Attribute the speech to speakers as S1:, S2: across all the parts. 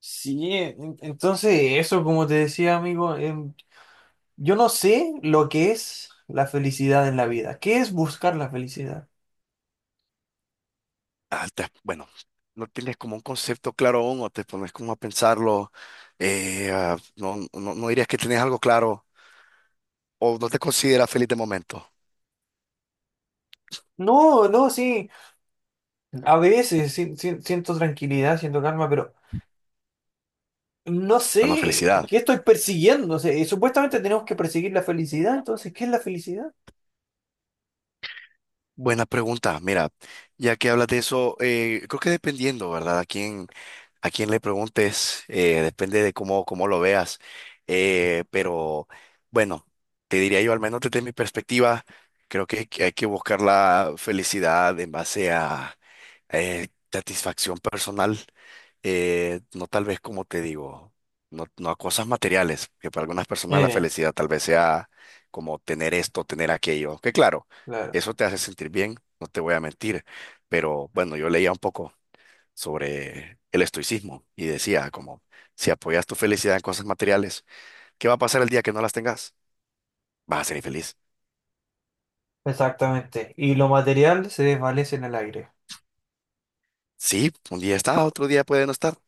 S1: Sí, entonces eso, como te decía, amigo, yo no sé lo que es la felicidad en la vida. ¿Qué es buscar la felicidad?
S2: ah, te- bueno, no tienes como un concepto claro aún o te pones como a pensarlo. No, no, no dirías que tienes algo claro o no te consideras feliz de momento.
S1: No, no, sí. A veces siento tranquilidad, siento calma, pero no
S2: Bueno,
S1: sé
S2: felicidad.
S1: qué estoy persiguiendo. O sea, y supuestamente tenemos que perseguir la felicidad, entonces, ¿qué es la felicidad?
S2: Buena pregunta. Mira, ya que hablas de eso, creo que dependiendo, ¿verdad? A quien le preguntes, depende de cómo lo veas. Pero bueno, te diría yo, al menos desde mi perspectiva, creo que hay que buscar la felicidad en base a satisfacción personal. No tal vez como te digo, no a cosas materiales, que para algunas personas la
S1: Eh,
S2: felicidad tal vez sea como tener esto, tener aquello, que claro,
S1: claro,
S2: eso te hace sentir bien, no te voy a mentir, pero bueno, yo leía un poco sobre el estoicismo y decía como, si apoyas tu felicidad en cosas materiales, ¿qué va a pasar el día que no las tengas? Vas a ser infeliz.
S1: exactamente. Y lo material se desvanece en el aire.
S2: Sí, un día está, otro día puede no estar.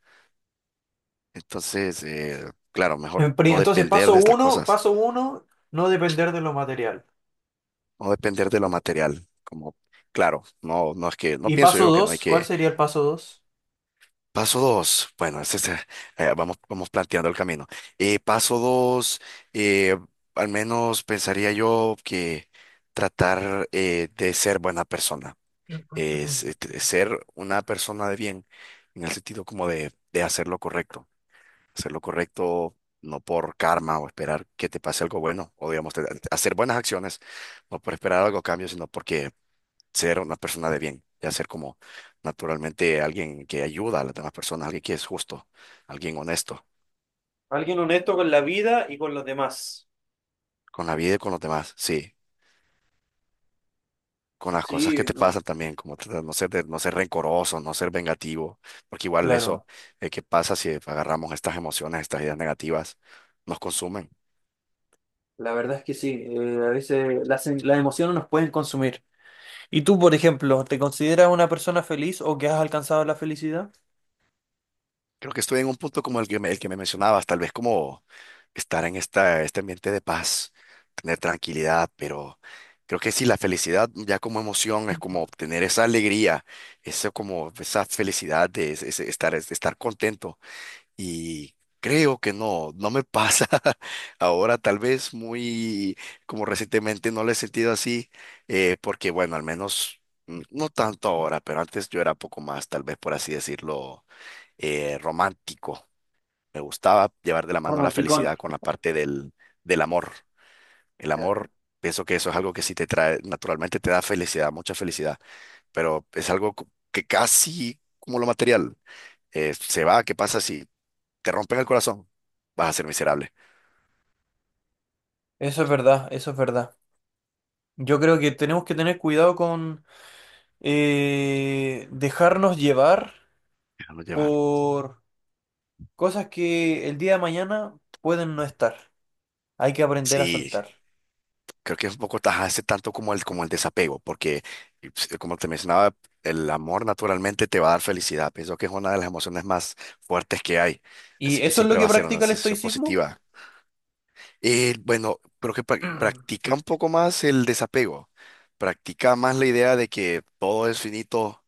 S2: Entonces, claro, mejor no
S1: Entonces,
S2: depender de estas cosas,
S1: paso uno, no depender de lo material.
S2: no depender de lo material. Como, claro, no es no
S1: ¿Y
S2: pienso
S1: paso
S2: yo que no hay
S1: dos? ¿Cuál
S2: que.
S1: sería el paso dos?
S2: Paso dos, bueno, es ese, vamos planteando el camino. Paso dos, eh, al menos pensaría yo que tratar de ser buena persona es, ser una persona de bien, en el sentido como de hacer lo correcto no por karma o esperar que te pase algo bueno, o digamos, hacer buenas acciones, no por esperar algo a cambio, sino porque ser una persona de bien, ya ser como naturalmente alguien que ayuda a las demás personas, alguien que es justo, alguien honesto
S1: Alguien honesto con la vida y con los demás.
S2: con la vida y con los demás, sí. Con las cosas que
S1: Sí,
S2: te
S1: no.
S2: pasan también, como tratar de no ser rencoroso, no ser vengativo, porque igual eso,
S1: Claro.
S2: ¿qué pasa si agarramos estas emociones, estas ideas negativas, nos consumen?
S1: La verdad es que sí, a veces las emociones nos pueden consumir. ¿Y tú, por ejemplo, te consideras una persona feliz o que has alcanzado la felicidad?
S2: Creo que estoy en un punto como el que el que me mencionabas, tal vez como estar en esta, este ambiente de paz, tener tranquilidad, pero creo que sí, la felicidad ya como emoción es como obtener esa alegría, eso como esa felicidad de es estar contento. Y creo que no, no me pasa. Ahora tal vez muy, como recientemente no lo he sentido así, porque bueno, al menos, mm, no tanto ahora, pero antes yo era poco más, tal vez por así decirlo, romántico. Me gustaba llevar de la mano la
S1: Romanticón.
S2: felicidad con la parte del amor. El
S1: Ya.
S2: amor, pienso que eso es algo que sí te trae, naturalmente te da felicidad, mucha felicidad, pero es algo que casi como lo material. Se va, ¿qué pasa si te rompen el corazón, vas a ser miserable.
S1: Eso es verdad, eso es verdad. Yo creo que tenemos que tener cuidado con dejarnos llevar
S2: Déjalo llevar.
S1: por cosas que el día de mañana pueden no estar. Hay que aprender a
S2: Sí,
S1: soltar.
S2: creo que es un poco tajarse tanto como el desapego, porque y, pues, como te mencionaba, el amor naturalmente te va a dar felicidad. Pienso que es una de las emociones más fuertes que hay,
S1: ¿Y
S2: así que
S1: eso es lo
S2: siempre
S1: que
S2: va a ser una
S1: practica el
S2: sensación
S1: estoicismo?
S2: positiva. Y bueno, creo que practica un poco más el desapego, practica más la idea de que todo es finito,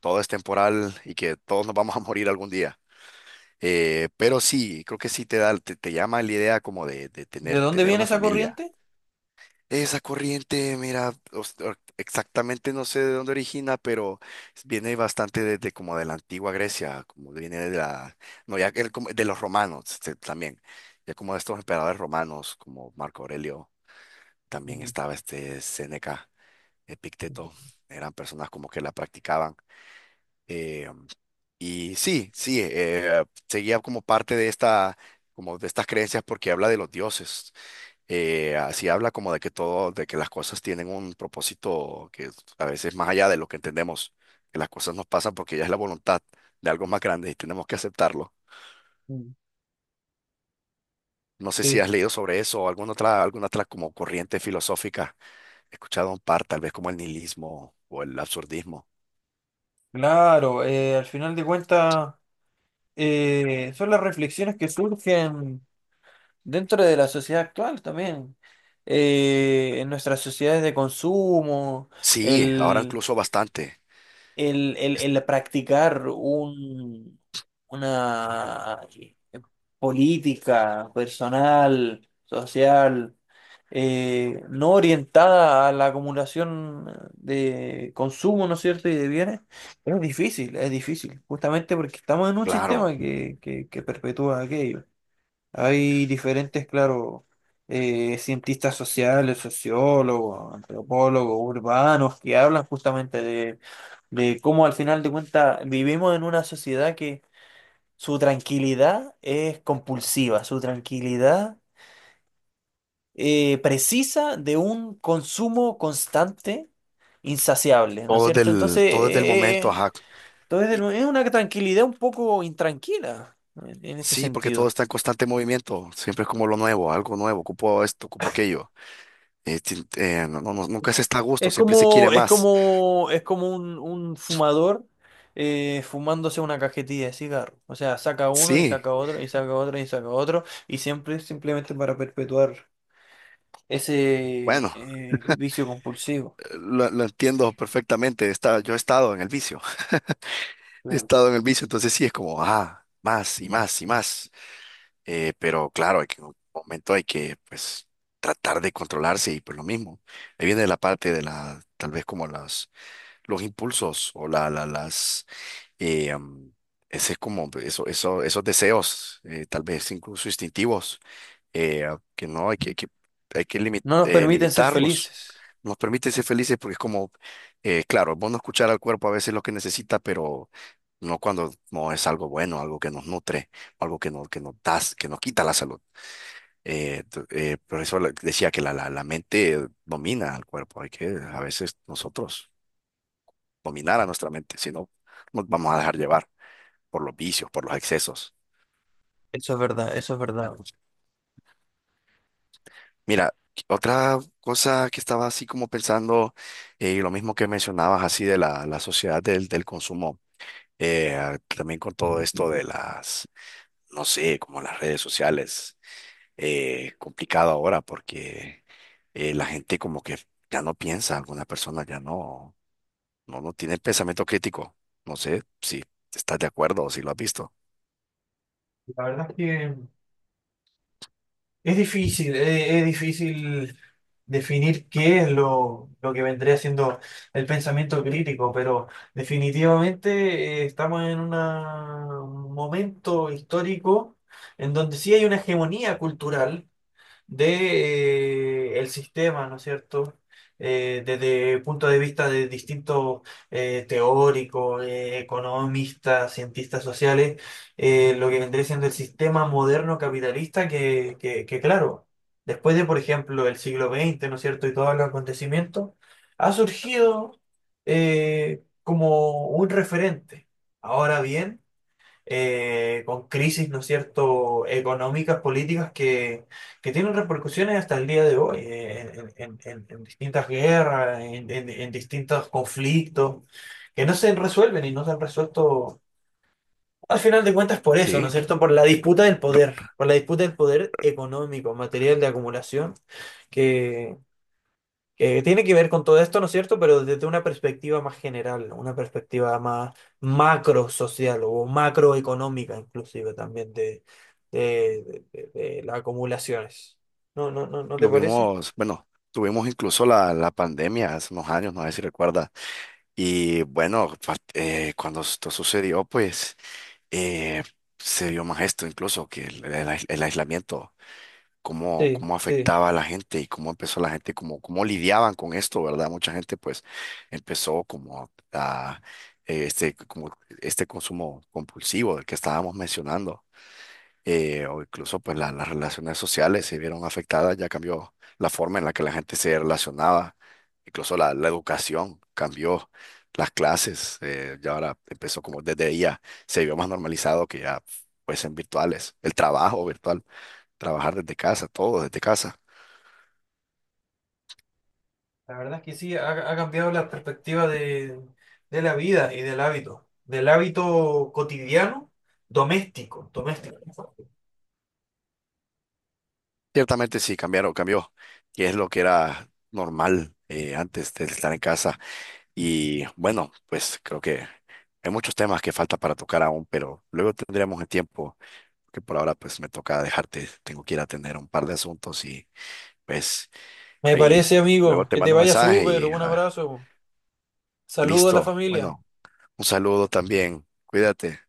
S2: todo es temporal y que todos nos vamos a morir algún día. Pero sí, creo que sí te da, te llama la idea como de
S1: ¿De
S2: tener,
S1: dónde
S2: tener
S1: viene
S2: una
S1: esa
S2: familia.
S1: corriente?
S2: Esa corriente, mira, exactamente no sé de dónde origina, pero viene bastante desde como de la antigua Grecia, como viene de la, no, ya que el de los romanos este, también, ya como de estos emperadores romanos, como Marco Aurelio, también
S1: Mm,
S2: estaba este Séneca, Epicteto, eran personas como que la practicaban. eh, y sí, sí, seguía como parte de esta, como de estas creencias porque habla de los dioses. Así habla como de que todo, de que las cosas tienen un propósito que es a veces más allá de lo que entendemos, que las cosas nos pasan porque ya es la voluntad de algo más grande y tenemos que aceptarlo.
S1: mm.
S2: No sé si
S1: Sí,
S2: has leído sobre eso o alguna otra como corriente filosófica. He escuchado un par, tal vez como el nihilismo o el absurdismo.
S1: claro, al final de cuentas son las reflexiones que surgen dentro de la sociedad actual también. En nuestras sociedades de consumo,
S2: Sí, ahora incluso bastante.
S1: el, el,
S2: Es-
S1: el practicar una política personal, social, no orientada a la acumulación de consumo, ¿no es cierto?, y de bienes, es difícil, justamente porque estamos en un
S2: Claro,
S1: sistema que perpetúa aquello. Hay diferentes, claro, cientistas sociales, sociólogos, antropólogos, urbanos, que hablan justamente de cómo al final de cuentas vivimos en una sociedad que su tranquilidad es compulsiva, su tranquilidad precisa de un consumo constante, insaciable, ¿no es
S2: todo es
S1: cierto? Entonces,
S2: todo es del
S1: eh, eh,
S2: momento,
S1: eh,
S2: ajá.
S1: entonces es una tranquilidad un poco intranquila en ese
S2: Sí, porque todo
S1: sentido.
S2: está en constante movimiento, siempre es como lo nuevo, algo nuevo, ocupo esto, ocupo aquello. Nunca se está a gusto,
S1: Es
S2: siempre se quiere
S1: como, es
S2: más.
S1: como, es como un fumador fumándose una cajetilla de cigarro. O sea, saca uno y
S2: Sí,
S1: saca otro y saca otro y saca otro. Y siempre es simplemente para perpetuar ese
S2: bueno,
S1: vicio compulsivo.
S2: lo entiendo perfectamente, está, yo he estado en el vicio, he
S1: Claro.
S2: estado en el vicio, entonces sí es como, ah, más y más y más. Pero claro, hay que, en un momento hay que, pues, tratar de controlarse y pues lo mismo. Ahí viene la parte de la, tal vez como las, los impulsos o las eh, um, ese es como eso, esos deseos, tal vez incluso instintivos, que no hay hay que
S1: No nos permiten ser
S2: limitarlos.
S1: felices.
S2: Nos permite ser felices porque es como, claro, es bueno escuchar al cuerpo a veces lo que necesita, pero no cuando no es algo bueno, algo que nos nutre, algo que que nos da, que nos quita la salud. Por eso decía que la mente domina al cuerpo, hay que a veces nosotros dominar a nuestra mente, si no nos vamos a dejar llevar por los vicios, por los excesos.
S1: Eso es verdad, eso es verdad.
S2: Mira, otra cosa que estaba así como pensando, lo mismo que mencionabas así de la sociedad del consumo, también con todo esto de las, no sé, como las redes sociales, complicado ahora porque la gente como que ya no piensa, alguna persona ya no, no tiene pensamiento crítico. No sé si estás de acuerdo o si lo has visto.
S1: La verdad es que es difícil definir qué es lo que vendría siendo el pensamiento crítico, pero definitivamente estamos en un momento histórico en donde sí hay una hegemonía cultural de, el sistema, ¿no es cierto? Desde el punto de vista de distintos teóricos, economistas, cientistas sociales, lo que vendría siendo el sistema moderno capitalista que, claro, después de, por ejemplo, el siglo XX, ¿no es cierto? Y todos los acontecimientos, ha surgido como un referente. Ahora bien, con crisis, ¿no es cierto?, económicas, políticas que tienen repercusiones hasta el día de hoy, en distintas guerras, en distintos conflictos, que no se resuelven y no se han resuelto, al final de cuentas, por eso, ¿no es
S2: Sí.
S1: cierto?, por la disputa del poder, por la disputa del poder económico, material de acumulación que tiene que ver con todo esto, ¿no es cierto? Pero desde una perspectiva más general, una perspectiva más macro social o macroeconómica inclusive también de las acumulaciones. ¿No, no, no, no te
S2: Lo
S1: parece?
S2: vimos, bueno, tuvimos incluso la pandemia hace unos años, no sé si recuerdas. Y bueno, cuando esto sucedió, pues eh, se vio más esto incluso que el aislamiento,
S1: Sí,
S2: cómo
S1: sí.
S2: afectaba a la gente y cómo empezó la gente, cómo lidiaban con esto, ¿verdad? Mucha gente pues empezó como a, como este consumo compulsivo del que estábamos mencionando. O incluso pues las relaciones sociales se vieron afectadas, ya cambió la forma en la que la gente se relacionaba, incluso la educación cambió, las clases, ya ahora empezó como desde ya se vio más normalizado que ya fuesen virtuales, el trabajo virtual, trabajar desde casa, todo desde casa.
S1: La verdad es que sí, ha cambiado la perspectiva de la vida y del hábito cotidiano, doméstico, doméstico.
S2: Ciertamente sí, cambiaron, cambió, y es lo que era normal antes de estar en casa. Y bueno, pues creo que hay muchos temas que falta para tocar aún, pero luego tendremos el tiempo que por ahora pues me toca dejarte, tengo que ir a atender un par de asuntos y pues
S1: Me
S2: ahí
S1: parece,
S2: luego
S1: amigo,
S2: te
S1: que te
S2: mando un
S1: vaya
S2: mensaje
S1: súper,
S2: y
S1: un abrazo, saludo a la
S2: listo.
S1: familia.
S2: Bueno, un saludo también, cuídate.